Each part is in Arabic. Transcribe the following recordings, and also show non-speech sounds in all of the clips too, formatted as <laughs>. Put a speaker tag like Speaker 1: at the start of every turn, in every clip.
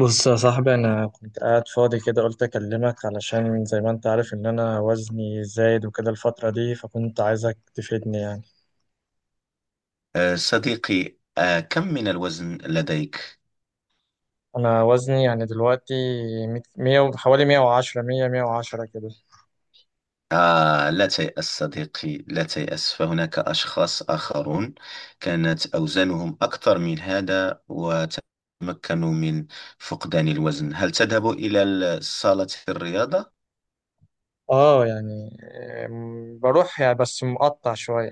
Speaker 1: بص يا صاحبي، انا كنت قاعد فاضي كده قلت اكلمك علشان زي ما انت عارف ان انا وزني زايد وكده الفترة دي، فكنت عايزك تفيدني يعني.
Speaker 2: صديقي كم من الوزن لديك؟
Speaker 1: انا وزني يعني دلوقتي مية حوالي 110 100 110 كده.
Speaker 2: لا تيأس صديقي، لا تيأس فهناك أشخاص آخرون كانت أوزانهم أكثر من هذا وتمكنوا من فقدان الوزن. هل تذهب إلى صالة الرياضة؟
Speaker 1: اه يعني، بروح يعني بس مقطع شوية.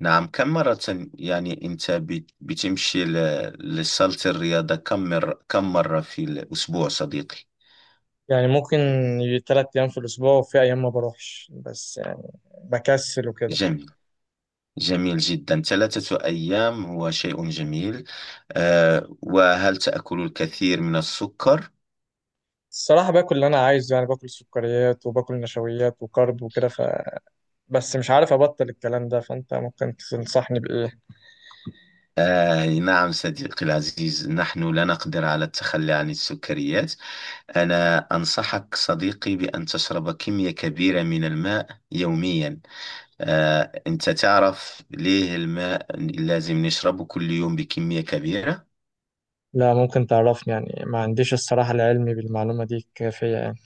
Speaker 2: نعم، كم مرة؟ يعني أنت بتمشي لصالة الرياضة كم مرة، كم مرة في الأسبوع صديقي؟
Speaker 1: يعني ممكن 3 ايام في الاسبوع وفي ايام ما بروحش، بس يعني بكسل وكده.
Speaker 2: جميل، جميل جدا، ثلاثة أيام هو شيء جميل. وهل تأكل الكثير من السكر؟
Speaker 1: الصراحة باكل اللي انا عايزه، يعني باكل سكريات وباكل نشويات وكارب وكده، بس مش عارف ابطل الكلام ده، فانت ممكن تنصحني بايه.
Speaker 2: نعم صديقي العزيز، نحن لا نقدر على التخلي عن السكريات. أنا أنصحك صديقي بأن تشرب كمية كبيرة من الماء يوميا. أنت تعرف ليه الماء لازم نشربه كل يوم بكمية كبيرة؟
Speaker 1: لا، ممكن تعرفني يعني؟ ما عنديش الصراحة العلم بالمعلومة دي كافية يعني.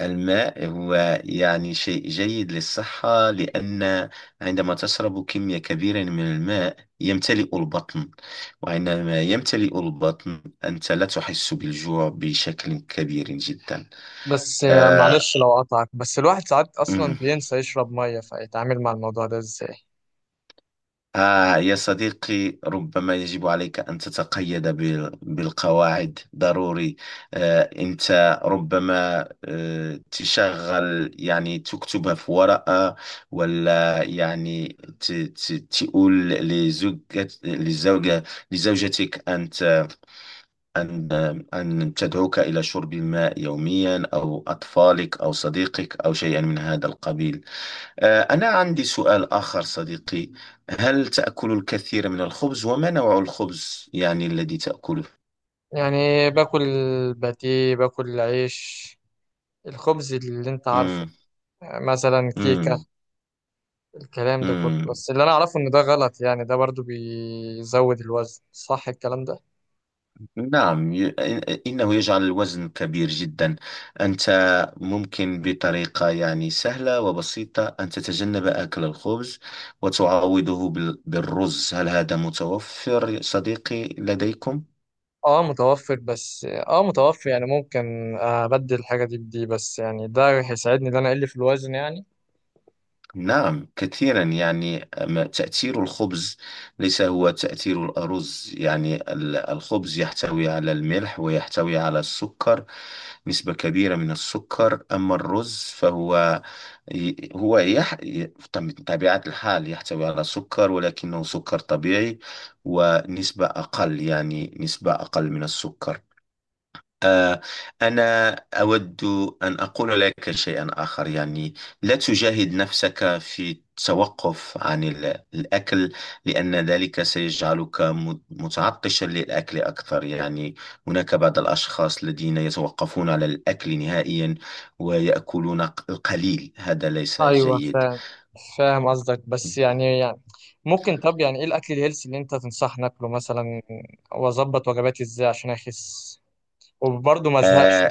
Speaker 2: الماء هو يعني شيء جيد للصحة، لأن عندما تشرب كمية كبيرة من الماء يمتلئ البطن، وعندما يمتلئ البطن أنت لا تحس بالجوع بشكل كبير جدا.
Speaker 1: بس
Speaker 2: آه،
Speaker 1: معلش لو قطعك، بس الواحد ساعات اصلا
Speaker 2: أمم.
Speaker 1: بينسى يشرب ميه، فيتعامل مع الموضوع ده ازاي؟
Speaker 2: يا صديقي، ربما يجب عليك أن تتقيد بالقواعد ضروري. أنت ربما تشغل يعني تكتبها في ورقة، ولا يعني ت- ت- تقول لزوجة لزوجة لزوجتك أن أن أن تدعوك إلى شرب الماء يوميا، أو أطفالك أو صديقك أو شيئا من هذا القبيل. أنا عندي سؤال آخر صديقي، هل تأكل الكثير من الخبز، وما نوع الخبز يعني الذي تأكله؟
Speaker 1: يعني باكل باتيه، باكل عيش، الخبز اللي انت عارفه.
Speaker 2: مم.
Speaker 1: مثلا كيكة،
Speaker 2: مم.
Speaker 1: الكلام ده كله،
Speaker 2: مم.
Speaker 1: بس اللي انا اعرفه ان ده غلط، يعني ده برضو بيزود الوزن، صح الكلام ده؟
Speaker 2: نعم، إنه يجعل الوزن كبير جدا. أنت ممكن بطريقة يعني سهلة وبسيطة أن تتجنب أكل الخبز وتعوضه بالرز. هل هذا متوفر صديقي لديكم؟
Speaker 1: اه متوفر، بس اه متوفر يعني، ممكن ابدل الحاجه دي بدي، بس يعني ده هيساعدني ان انا اقل في الوزن يعني؟
Speaker 2: نعم كثيرا. يعني أما تأثير الخبز ليس هو تأثير الأرز، يعني الخبز يحتوي على الملح ويحتوي على السكر، نسبة كبيرة من السكر. أما الرز فهو ي- هو يح... ي- طب- بطبيعة الحال يحتوي على سكر، ولكنه سكر طبيعي، ونسبة أقل، يعني نسبة أقل من السكر. آه، أنا أود أن أقول لك شيئا آخر، يعني لا تجاهد نفسك في التوقف عن الأكل، لأن ذلك سيجعلك متعطشا للأكل أكثر يعني. هناك بعض الأشخاص الذين يتوقفون على الأكل نهائيا، ويأكلون القليل. هذا ليس
Speaker 1: ايوه
Speaker 2: جيد.
Speaker 1: فاهم، فاهم قصدك، بس يعني ممكن، طب يعني ايه الاكل الهيلثي اللي انت تنصحني اكله مثلا، واظبط وجباتي ازاي عشان اخس وبرضه ما ازهقش؟
Speaker 2: آه،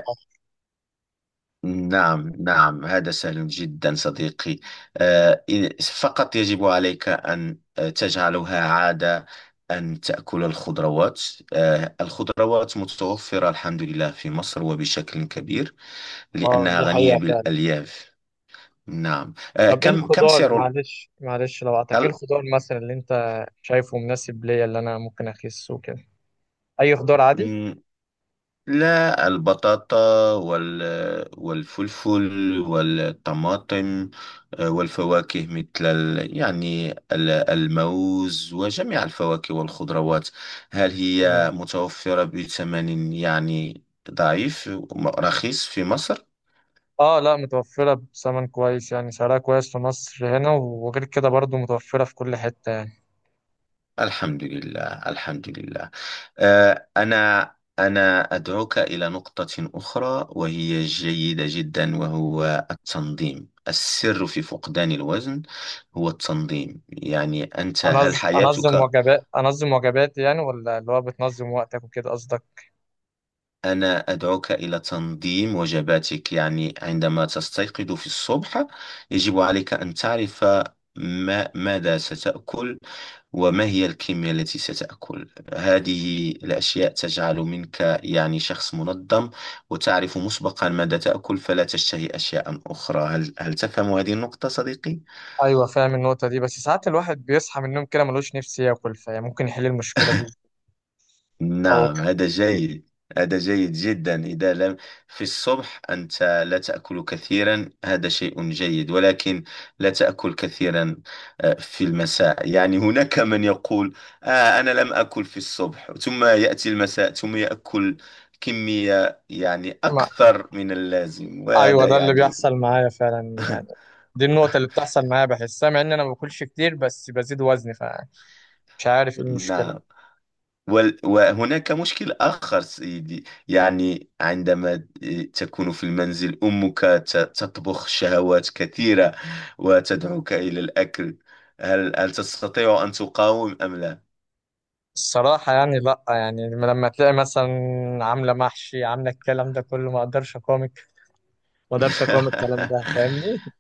Speaker 2: نعم نعم، هذا سهل جدا صديقي. فقط يجب عليك أن تجعلها عادة أن تأكل الخضروات. الخضروات متوفرة الحمد لله في مصر وبشكل كبير،
Speaker 1: اه
Speaker 2: لأنها
Speaker 1: دي
Speaker 2: غنية
Speaker 1: حقيقة فعلا.
Speaker 2: بالألياف. نعم
Speaker 1: طب ايه
Speaker 2: كم
Speaker 1: الخضار،
Speaker 2: سعر
Speaker 1: معلش معلش لو قطعتك، ايه الخضار مثلا اللي انت شايفه مناسب ليا اللي انا ممكن اخس وكده؟ اي خضار عادي؟
Speaker 2: ال- لا، البطاطا والفلفل والطماطم، والفواكه مثل الموز وجميع الفواكه والخضروات. هل هي متوفرة بثمن يعني ضعيف، رخيص في مصر؟
Speaker 1: اه لا، متوفرة بثمن كويس، يعني سعرها كويس في مصر هنا، وغير كده برضو متوفرة في كل حتة يعني.
Speaker 2: الحمد لله، الحمد لله. أنا أدعوك إلى نقطة أخرى وهي جيدة جدا، وهو التنظيم. السر في فقدان الوزن هو التنظيم. يعني أنت، هل
Speaker 1: أنظم
Speaker 2: حياتك؟
Speaker 1: وجبات، أنظم وجباتي يعني، ولا اللي هو بتنظم وقتك وكده قصدك؟
Speaker 2: أنا أدعوك إلى تنظيم وجباتك، يعني عندما تستيقظ في الصبح يجب عليك أن تعرف ما ماذا ستأكل، وما هي الكمية التي ستأكل. هذه الأشياء تجعل منك يعني شخص منظم، وتعرف مسبقا ماذا تأكل فلا تشتهي أشياء أخرى. هل تفهم هذه النقطة صديقي؟
Speaker 1: أيوة فاهم النقطة دي، بس ساعات الواحد بيصحى من النوم كده ملوش نفس ياكل، فهي ممكن يحل المشكلة دي، أو
Speaker 2: نعم هذا جيد، هذا جيد جدا. إذا لم في الصبح أنت لا تأكل كثيرا، هذا شيء جيد، ولكن لا تأكل كثيرا في المساء. يعني هناك من يقول أنا لم أكل في الصبح، ثم يأتي المساء ثم يأكل كمية يعني
Speaker 1: ما.
Speaker 2: أكثر من اللازم،
Speaker 1: <laughs> أيوة
Speaker 2: وهذا
Speaker 1: ده اللي
Speaker 2: يعني
Speaker 1: بيحصل معايا فعلا يعني،
Speaker 2: <laughs>
Speaker 1: دي النقطة اللي بتحصل معايا، بحسها مع إن أنا ما باكلش كتير بس بزيد وزني، فمش عارف إيه المشكلة.
Speaker 2: نعم. وهناك مشكل آخر سيدي، يعني عندما تكون في المنزل أمك تطبخ شهوات كثيرة وتدعوك إلى الأكل. هل تستطيع أن تقاوم أم لا؟
Speaker 1: الصراحة يعني لأ، يعني لما تلاقي مثلا عاملة محشي، عاملة الكلام ده كله، ما أقدرش أقاومك، ما أقدرش أقاوم الكلام ده، فاهمني؟
Speaker 2: <laughs>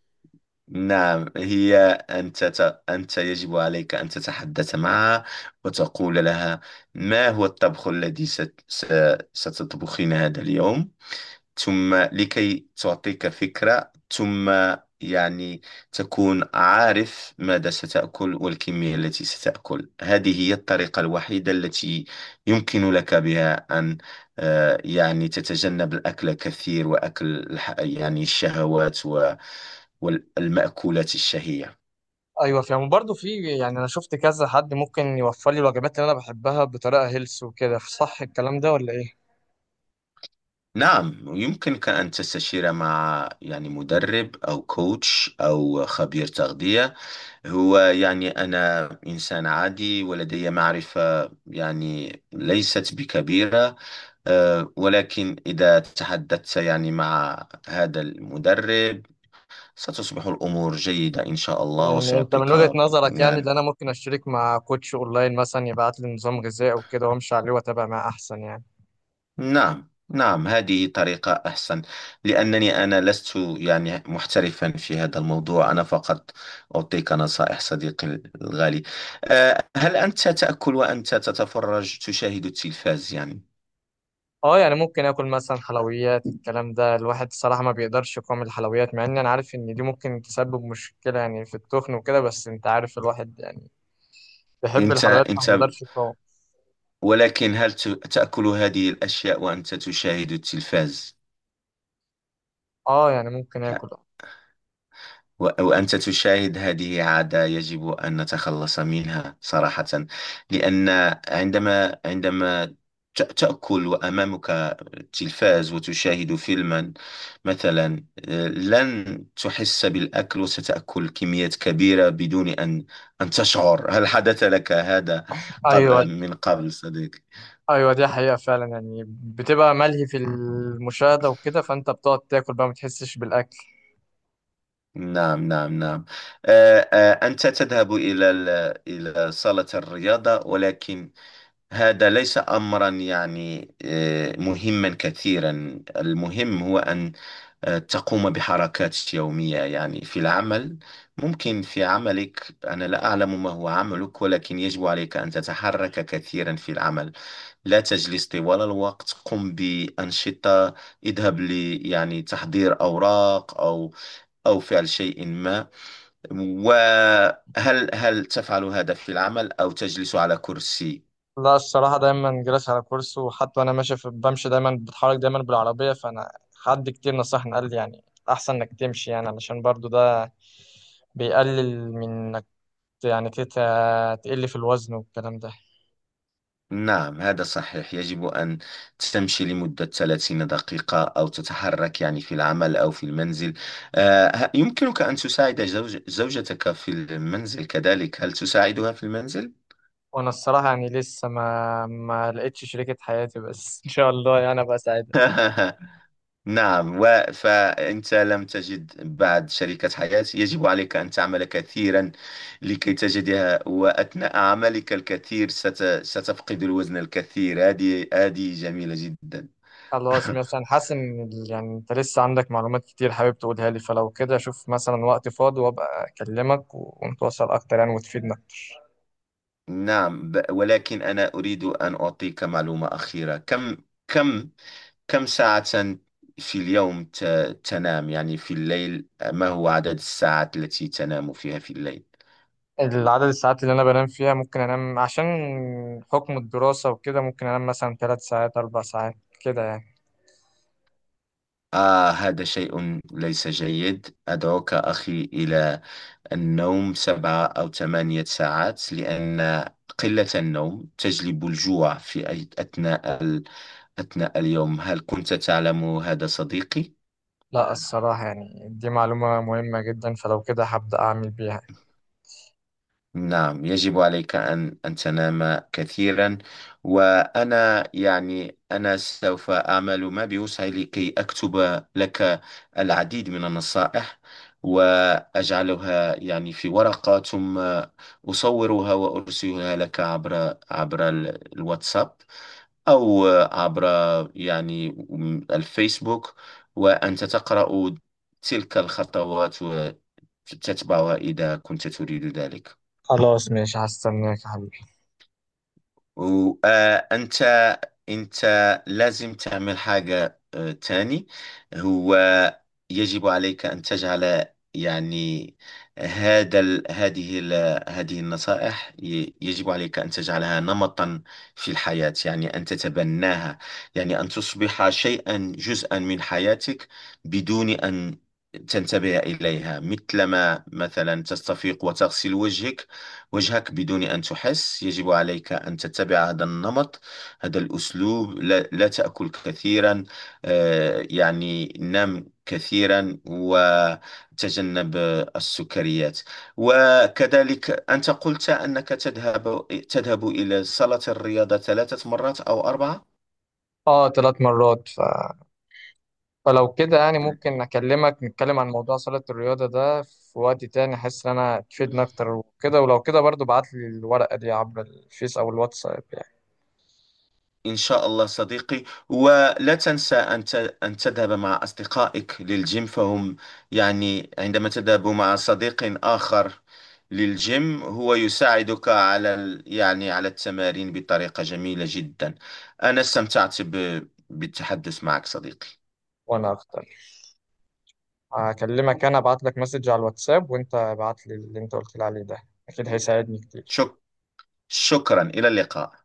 Speaker 2: نعم، هي أنت يجب عليك أن تتحدث معها وتقول لها: ما هو الطبخ الذي ستطبخين هذا اليوم؟ ثم لكي تعطيك فكرة، ثم يعني تكون عارف ماذا ستأكل والكمية التي ستأكل. هذه هي الطريقة الوحيدة التي يمكن لك بها أن يعني تتجنب الأكل كثير وأكل يعني الشهوات والمأكولات الشهية.
Speaker 1: أيوة فاهم، وبرضه في يعني، أنا شفت كذا حد ممكن يوفر لي الوجبات اللي أنا بحبها بطريقة هيلث وكده، صح الكلام ده ولا إيه؟
Speaker 2: نعم يمكنك أن تستشير مع يعني مدرب أو كوتش أو خبير تغذية. هو يعني أنا إنسان عادي، ولدي معرفة يعني ليست بكبيرة، ولكن إذا تحدثت يعني مع هذا المدرب ستصبح الأمور جيدة إن شاء الله،
Speaker 1: يعني أنت من
Speaker 2: وسيعطيك
Speaker 1: وجهة نظرك يعني،
Speaker 2: يعني.
Speaker 1: اللي أنا ممكن أشترك مع كوتش أونلاين مثلا يبعت لي نظام غذائي وكده وأمشي عليه وأتابع معاه أحسن يعني؟
Speaker 2: نعم نعم، هذه طريقة أحسن، لأنني أنا لست يعني محترفا في هذا الموضوع، أنا فقط أعطيك نصائح صديقي الغالي. هل أنت تأكل وأنت تتفرج، تشاهد التلفاز يعني؟
Speaker 1: اه يعني ممكن اكل مثلا حلويات، الكلام ده الواحد الصراحه ما بيقدرش يقاوم الحلويات، مع ان انا عارف ان دي ممكن تسبب مشكله يعني في التخن وكده، بس انت عارف الواحد يعني بيحب
Speaker 2: أنت
Speaker 1: الحلويات فما
Speaker 2: أنت
Speaker 1: بيقدرش يقاوم.
Speaker 2: ولكن هل تأكل هذه الأشياء وأنت تشاهد التلفاز
Speaker 1: اه يعني ممكن
Speaker 2: يعني؟
Speaker 1: اكل.
Speaker 2: وأنت تشاهد. هذه عادة يجب أن نتخلص منها صراحة، لأن عندما عندما تأكل وأمامك التلفاز وتشاهد فيلما مثلا، لن تحس بالأكل وستأكل كميات كبيرة بدون أن أن تشعر. هل حدث لك هذا
Speaker 1: ايوه.
Speaker 2: قبل، من قبل صديقي؟
Speaker 1: ايوه دي حقيقه فعلا يعني، بتبقى ملهي في المشاهده وكده، فانت بتقعد تاكل بقى ما تحسش بالاكل.
Speaker 2: نعم نعم نعم. أنت تذهب إلى إلى صالة الرياضة، ولكن هذا ليس أمرا يعني مهما كثيرا. المهم هو أن تقوم بحركات يومية يعني في العمل. ممكن في عملك، أنا لا أعلم ما هو عملك، ولكن يجب عليك أن تتحرك كثيرا في العمل، لا تجلس طوال الوقت. قم بأنشطة، اذهب ل يعني تحضير أوراق أو أو فعل شيء ما. وهل تفعل هذا في العمل أو تجلس على كرسي؟
Speaker 1: لا الصراحة دايما جالس على كرسي، وحتى وأنا ماشي بمشي دايما، بتحرك دايما بالعربية، فأنا حد كتير نصحني قال لي يعني أحسن إنك تمشي، يعني علشان برضو ده بيقلل من إنك يعني تقل في الوزن والكلام ده.
Speaker 2: نعم هذا صحيح، يجب أن تمشي لمدة 30 دقيقة أو تتحرك يعني في العمل أو في المنزل. يمكنك أن تساعد زوجتك في المنزل كذلك. هل تساعدها في المنزل؟
Speaker 1: وأنا الصراحة يعني لسه ما لقيتش شريكة حياتي بس، <laughs> إن شاء الله يعني أبقى سعيد.
Speaker 2: <laughs> نعم، فأنت لم تجد بعد شريكة حياة. يجب عليك أن تعمل كثيرا لكي تجدها، وأثناء عملك الكثير ستفقد الوزن الكثير. هذه جميلة جدا.
Speaker 1: خلاص
Speaker 2: <laughs>
Speaker 1: ماشي، أنا حاسس إن يعني أنت لسه عندك معلومات كتير حابب تقولها لي، فلو كده أشوف مثلا وقت فاضي وأبقى أكلمك ونتواصل أكتر يعني وتفيدنا.
Speaker 2: نعم ولكن أنا أريد أن أعطيك معلومة أخيرة. كم كم ساعة في اليوم تنام يعني في الليل؟ ما هو عدد الساعات التي تنام فيها في الليل؟
Speaker 1: العدد الساعات اللي انا بنام فيها، ممكن انام عشان حكم الدراسة وكده، ممكن انام مثلا 3 ساعات 4 ساعات كده يعني.
Speaker 2: هذا شيء ليس جيد. أدعوك أخي إلى النوم سبعة أو ثمانية ساعات، لأن قلة النوم تجلب الجوع في أثناء أثناء اليوم. هل كنت تعلم هذا صديقي؟
Speaker 1: لا الصراحة يعني دي معلومة مهمة جدا، فلو كده هبدأ اعمل بيها.
Speaker 2: نعم يجب عليك أن تنام كثيرا. وأنا يعني أنا سوف أعمل ما بوسعي لكي أكتب لك العديد من النصائح، وأجعلها يعني في ورقة، ثم أصورها وأرسلها لك عبر الواتساب، أو عبر يعني الفيسبوك، وأنت تقرأ تلك الخطوات وتتبعها إذا كنت تريد ذلك.
Speaker 1: خلاص ماشي هستناك يا حبيبي.
Speaker 2: وأنت، أنت لازم تعمل حاجة تاني. هو يجب عليك أن تجعل يعني هذا ال- هذه ال- هذه النصائح، يجب عليك أن تجعلها نمطا في الحياة، يعني أن تتبناها، يعني أن تصبح شيئا، جزءا من حياتك، بدون أن تنتبه إليها، مثلما مثلا تستفيق وتغسل وجهك، بدون أن تحس. يجب عليك أن تتبع هذا النمط، هذا الأسلوب. لا تأكل كثيرا، يعني نم كثيرا وتجنب السكريات. وكذلك أنت قلت أنك تذهب إلى صالة الرياضة ثلاثة مرات أو أربعة.
Speaker 1: اه 3 مرات فلو كده يعني ممكن اكلمك نتكلم عن موضوع صالة الرياضة ده في وقت تاني، احس ان انا تفيدني اكتر وكده، ولو كده برضو بعت لي الورقة دي عبر الفيس او الواتساب يعني.
Speaker 2: إن شاء الله صديقي، ولا تنسى أن أن تذهب مع أصدقائك للجيم، فهم يعني عندما تذهب مع صديق آخر للجيم هو يساعدك على يعني على التمارين بطريقة جميلة جدا. أنا استمتعت بالتحدث معك صديقي.
Speaker 1: وانا اختار، هكلمك، انا ابعت لك مسج على الواتساب وانت ابعت لي اللي انت قلت لي عليه ده، اكيد هيساعدني كتير.
Speaker 2: شك شكرا، إلى اللقاء.